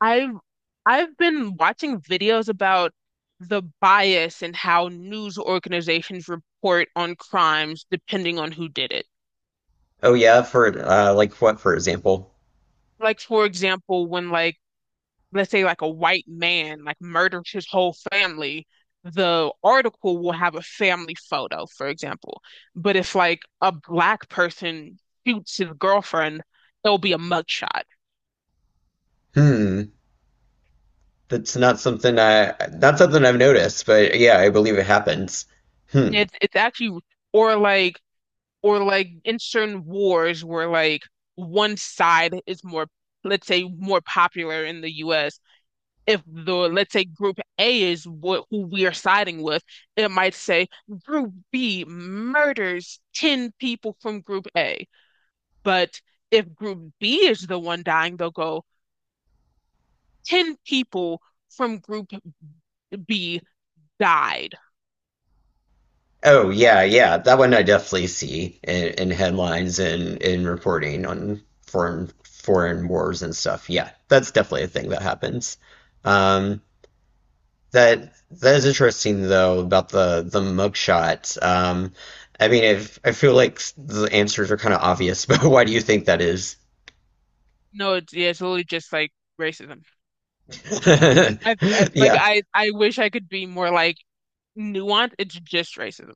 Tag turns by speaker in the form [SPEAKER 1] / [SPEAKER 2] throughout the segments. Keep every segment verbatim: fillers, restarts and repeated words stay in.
[SPEAKER 1] I've I've been watching videos about the bias and how news organizations report on crimes depending on who did it.
[SPEAKER 2] Oh yeah, for uh, like what, for example?
[SPEAKER 1] Like for example, when like let's say like a white man like murders his whole family, the article will have a family photo, for example. But if like a black person shoots his girlfriend, there'll be a mugshot.
[SPEAKER 2] Hmm, that's not something I not something I've noticed, but yeah, I believe it happens. Hmm.
[SPEAKER 1] It's it's actually or like or like in certain wars where like one side is more, let's say, more popular in the U S. If the, let's say, group A is what who we are siding with, it might say group B murders ten people from group A. But if group B is the one dying, they'll go ten people from group B died.
[SPEAKER 2] Oh yeah, yeah, that one I definitely see in, in headlines and in reporting on foreign foreign wars and stuff. Yeah, that's definitely a thing that happens. Um, that that is interesting though about the the mugshot. Um, I mean, if I feel like the answers are kind of obvious, but why do you think that is?
[SPEAKER 1] No, it's, yeah, it's literally just like racism. I, I like
[SPEAKER 2] Yeah,
[SPEAKER 1] I I wish I could be more like nuance. It's just racism.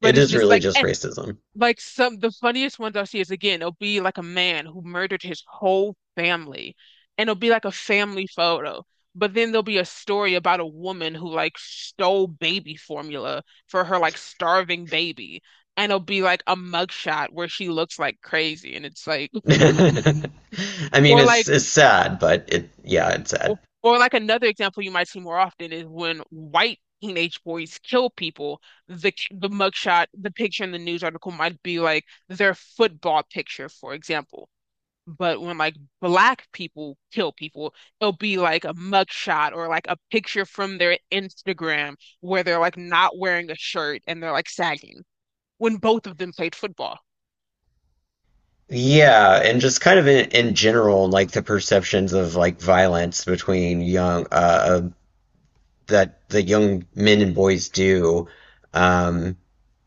[SPEAKER 1] But
[SPEAKER 2] it
[SPEAKER 1] it's
[SPEAKER 2] is
[SPEAKER 1] just
[SPEAKER 2] really
[SPEAKER 1] like
[SPEAKER 2] just
[SPEAKER 1] eh,
[SPEAKER 2] racism.
[SPEAKER 1] like some the funniest ones I see is again, it'll be like a man who murdered his whole family, and it'll be like a family photo. But then there'll be a story about a woman who like stole baby formula for her like starving baby. And it'll be like a mugshot where she looks like crazy. And it's like,
[SPEAKER 2] I mean,
[SPEAKER 1] or like
[SPEAKER 2] it's it's sad, but it yeah, it's sad.
[SPEAKER 1] Or, or like another example you might see more often is when white teenage boys kill people, the the mugshot, the picture in the news article might be like their football picture, for example. But when like black people kill people, it'll be like a mugshot or like a picture from their Instagram where they're like not wearing a shirt and they're like sagging when both of them played football.
[SPEAKER 2] Yeah, and just kind of in, in general, like the perceptions of like violence between young uh uh, that the young men and boys do. Um,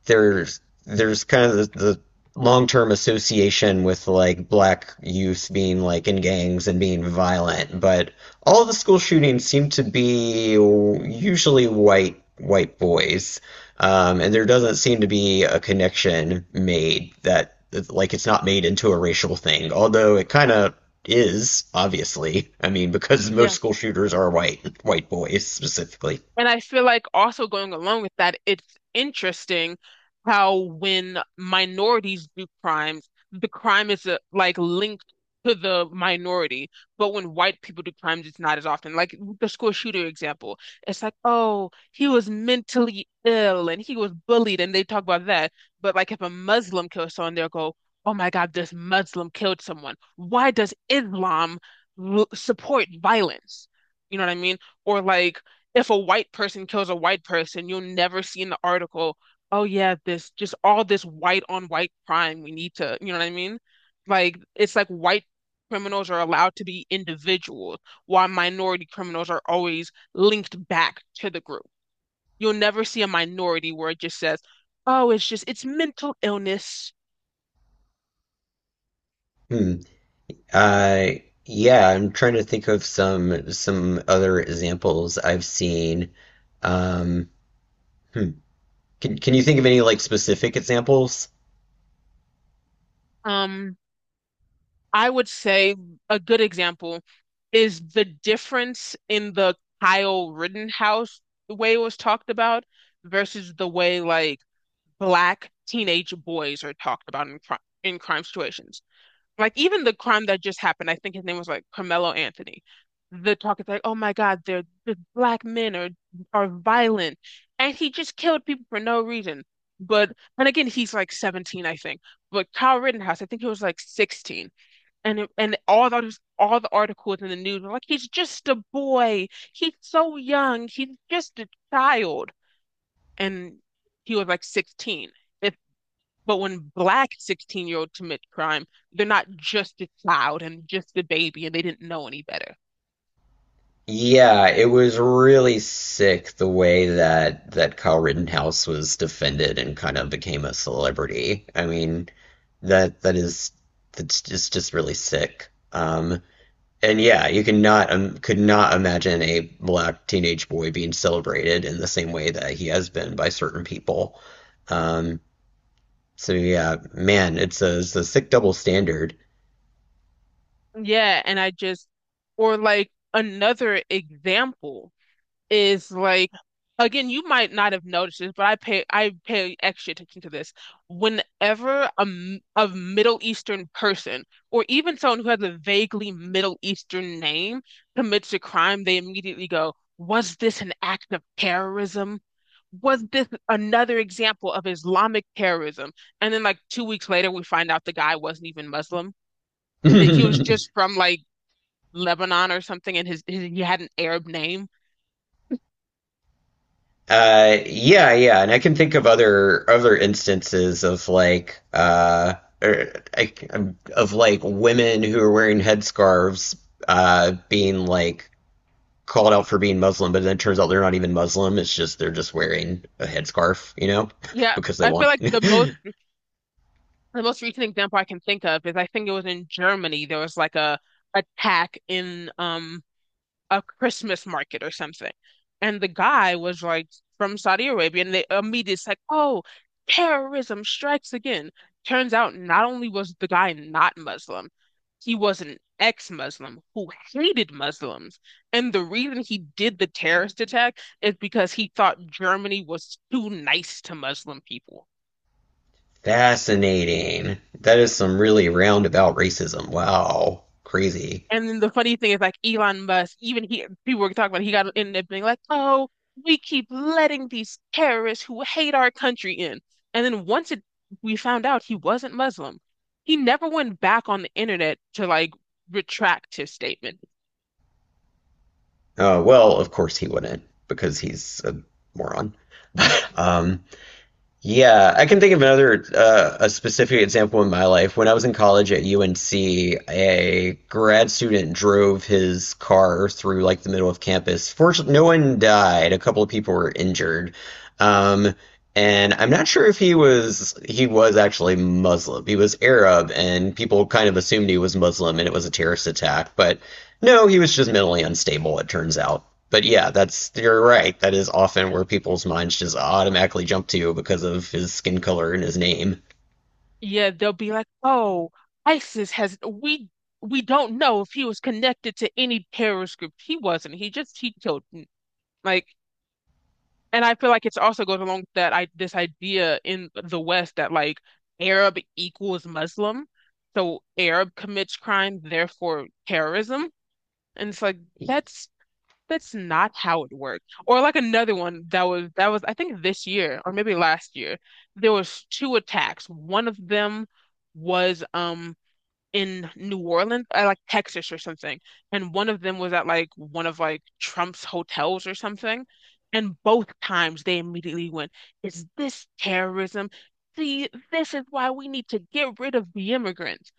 [SPEAKER 2] there's there's kind of the, the long term association with like black youth being like in gangs and being violent, but all the school shootings seem to be usually white white boys, um, and there doesn't seem to be a connection made that like it's not made into a racial thing, although it kind of is obviously. I mean, because most school shooters are white white boys specifically.
[SPEAKER 1] And I feel like also going along with that, it's interesting how when minorities do crimes, the crime is uh, like linked to the minority. But when white people do crimes, it's not as often. Like the school shooter example, it's like, oh, he was mentally ill and he was bullied, and they talk about that. But like if a Muslim kills someone, they'll go, oh my God, this Muslim killed someone. Why does Islam l- support violence? You know what I mean? Or like if a white person kills a white person, you'll never see in the article, oh yeah, this just all this white on white crime. We need to, you know what I mean? Like it's like white criminals are allowed to be individuals, while minority criminals are always linked back to the group. You'll never see a minority where it just says, oh, it's just it's mental illness.
[SPEAKER 2] Hmm. Uh, yeah, I'm trying to think of some some other examples I've seen. Um, hmm. Can can you think of any like specific examples?
[SPEAKER 1] Um, I would say a good example is the difference in the Kyle Rittenhouse, the way it was talked about versus the way like black teenage boys are talked about in crime in crime situations. Like even the crime that just happened, I think his name was like Carmelo Anthony. The talk is like, oh my God, they're the black men are are violent, and he just killed people for no reason. But and again, he's like seventeen, I think. But Kyle Rittenhouse, I think he was like sixteen, and it- and all the all the articles in the news were like he's just a boy, he's so young, he's just a child, and he was like sixteen. If But when black sixteen year olds commit crime, they're not just a child and just a baby and they didn't know any better.
[SPEAKER 2] Yeah, it was really sick the way that that Kyle Rittenhouse was defended and kind of became a celebrity. I mean, that that is that's just just really sick. Um, and yeah, you cannot um, could not imagine a black teenage boy being celebrated in the same way that he has been by certain people. Um, so yeah, man, it's a, it's a sick double standard.
[SPEAKER 1] Yeah, and I just, or like another example is like, again, you might not have noticed this, but I pay I pay extra attention to this. Whenever a, m- a Middle Eastern person or even someone who has a vaguely Middle Eastern name commits a crime, they immediately go, "Was this an act of terrorism? Was this another example of Islamic terrorism?" And then, like two weeks later, we find out the guy wasn't even Muslim. He, he was just from like Lebanon or something, and his, his he had an Arab name.
[SPEAKER 2] Uh, yeah, yeah, and I can think of other other instances of like uh or, I, um, of like women who are wearing headscarves uh being like called out for being Muslim, but then it turns out they're not even Muslim. It's just they're just wearing a headscarf, you know,
[SPEAKER 1] Yeah,
[SPEAKER 2] because they
[SPEAKER 1] I feel
[SPEAKER 2] want.
[SPEAKER 1] like the most the most recent example I can think of is, I think it was in Germany. There was like a attack in um a Christmas market or something, and the guy was like from Saudi Arabia, and they immediately it's like, oh, terrorism strikes again. Turns out not only was the guy not Muslim, he was an ex-Muslim who hated Muslims, and the reason he did the terrorist attack is because he thought Germany was too nice to Muslim people.
[SPEAKER 2] Fascinating. That is some really roundabout racism. Wow, crazy.
[SPEAKER 1] And then the funny thing is, like Elon Musk, even he, people were talking about, he got ended up being like, "Oh, we keep letting these terrorists who hate our country in." And then once it, we found out he wasn't Muslim, he never went back on the internet to like retract his statement.
[SPEAKER 2] Uh, well, of course he wouldn't because he's a moron. Um, yeah, I can think of another uh, a specific example in my life. When I was in college at U N C, a grad student drove his car through like the middle of campus. Fortunately, no one died. A couple of people were injured. Um, and I'm not sure if he was he was actually Muslim. He was Arab, and people kind of assumed he was Muslim, and it was a terrorist attack. But no, he was just mentally unstable, it turns out. But yeah, that's you're right. That is often where people's minds just automatically jump to because of his skin color and his name.
[SPEAKER 1] Yeah, they'll be like, "Oh, ISIS has, we we don't know if he was connected to any terrorist group. He wasn't. He just he killed." Like, and I feel like it's also goes along with that I this idea in the West that like Arab equals Muslim, so Arab commits crime, therefore terrorism. And it's like that's that's not how it worked. Or like another one that was that was, I think this year or maybe last year, there was two attacks. One of them was um in New Orleans, uh, like Texas or something. And one of them was at like one of like Trump's hotels or something. And both times they immediately went, is this terrorism? See, this is why we need to get rid of the immigrants.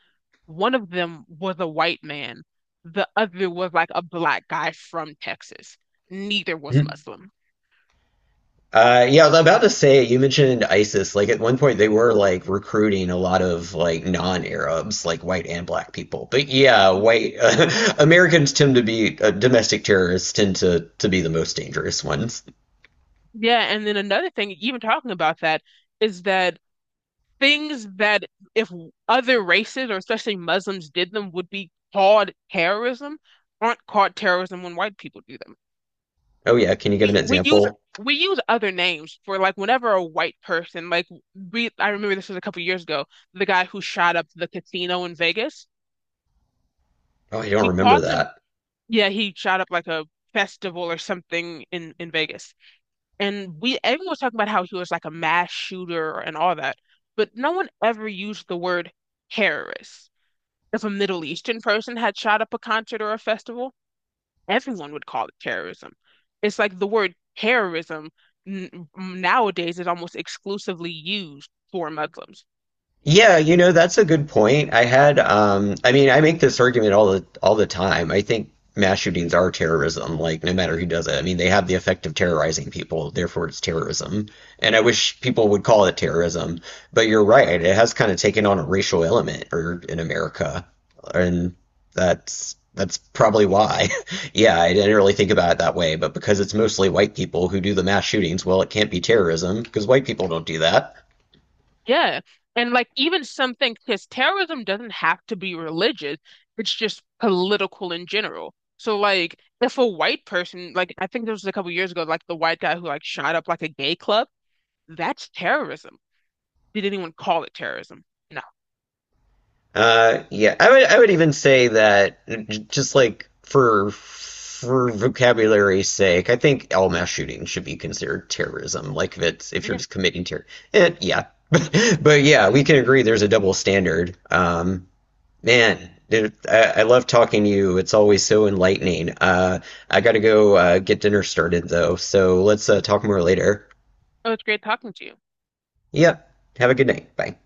[SPEAKER 1] One of them was a white man, the other was like a black guy from Texas. Neither was Muslim.
[SPEAKER 2] Uh, yeah, I was about to say you mentioned ISIS. Like at one point, they were like recruiting a lot of like non-Arabs, like white and black people. But yeah, white uh, Americans tend to be uh, domestic terrorists tend to to be the most dangerous ones.
[SPEAKER 1] Yeah, and then another thing, even talking about that, is that things that if other races or especially Muslims did them would be called terrorism aren't called terrorism when white people do them.
[SPEAKER 2] Oh yeah, can you give an
[SPEAKER 1] We, we use
[SPEAKER 2] example?
[SPEAKER 1] we use other names for like whenever a white person like, we I remember this was a couple years ago, the guy who shot up the casino in Vegas.
[SPEAKER 2] Oh, I don't
[SPEAKER 1] We
[SPEAKER 2] remember
[SPEAKER 1] called him,
[SPEAKER 2] that.
[SPEAKER 1] yeah, he shot up like a festival or something in in Vegas. And we everyone was talking about how he was like a mass shooter and all that, but no one ever used the word terrorist. If a Middle Eastern person had shot up a concert or a festival, everyone would call it terrorism. It's like the word terrorism n nowadays is almost exclusively used for Muslims.
[SPEAKER 2] Yeah, you know, that's a good point. I had, um, I mean, I make this argument all the all the time. I think mass shootings are terrorism, like no matter who does it. I mean, they have the effect of terrorizing people, therefore it's terrorism. And I wish people would call it terrorism, but you're right. It has kind of taken on a racial element or in America, and that's that's probably why. Yeah, I didn't really think about it that way, but because it's mostly white people who do the mass shootings, well, it can't be terrorism because white people don't do that.
[SPEAKER 1] Yeah. And like even some things, because terrorism doesn't have to be religious, it's just political in general. So like if a white person, like I think this was a couple years ago, like the white guy who like shot up like a gay club, that's terrorism. Did anyone call it terrorism? No.
[SPEAKER 2] Uh, yeah, I would I would even say that j- just like for for vocabulary's sake, I think all mass shooting should be considered terrorism. Like if it's if you're
[SPEAKER 1] Yeah.
[SPEAKER 2] just committing terror, eh, yeah. But yeah, we can agree there's a double standard. Um, man, dude, I, I love talking to you. It's always so enlightening. Uh, I gotta go uh, get dinner started though, so let's uh, talk more later.
[SPEAKER 1] It was great talking to you.
[SPEAKER 2] Yep. Have a good night. Bye.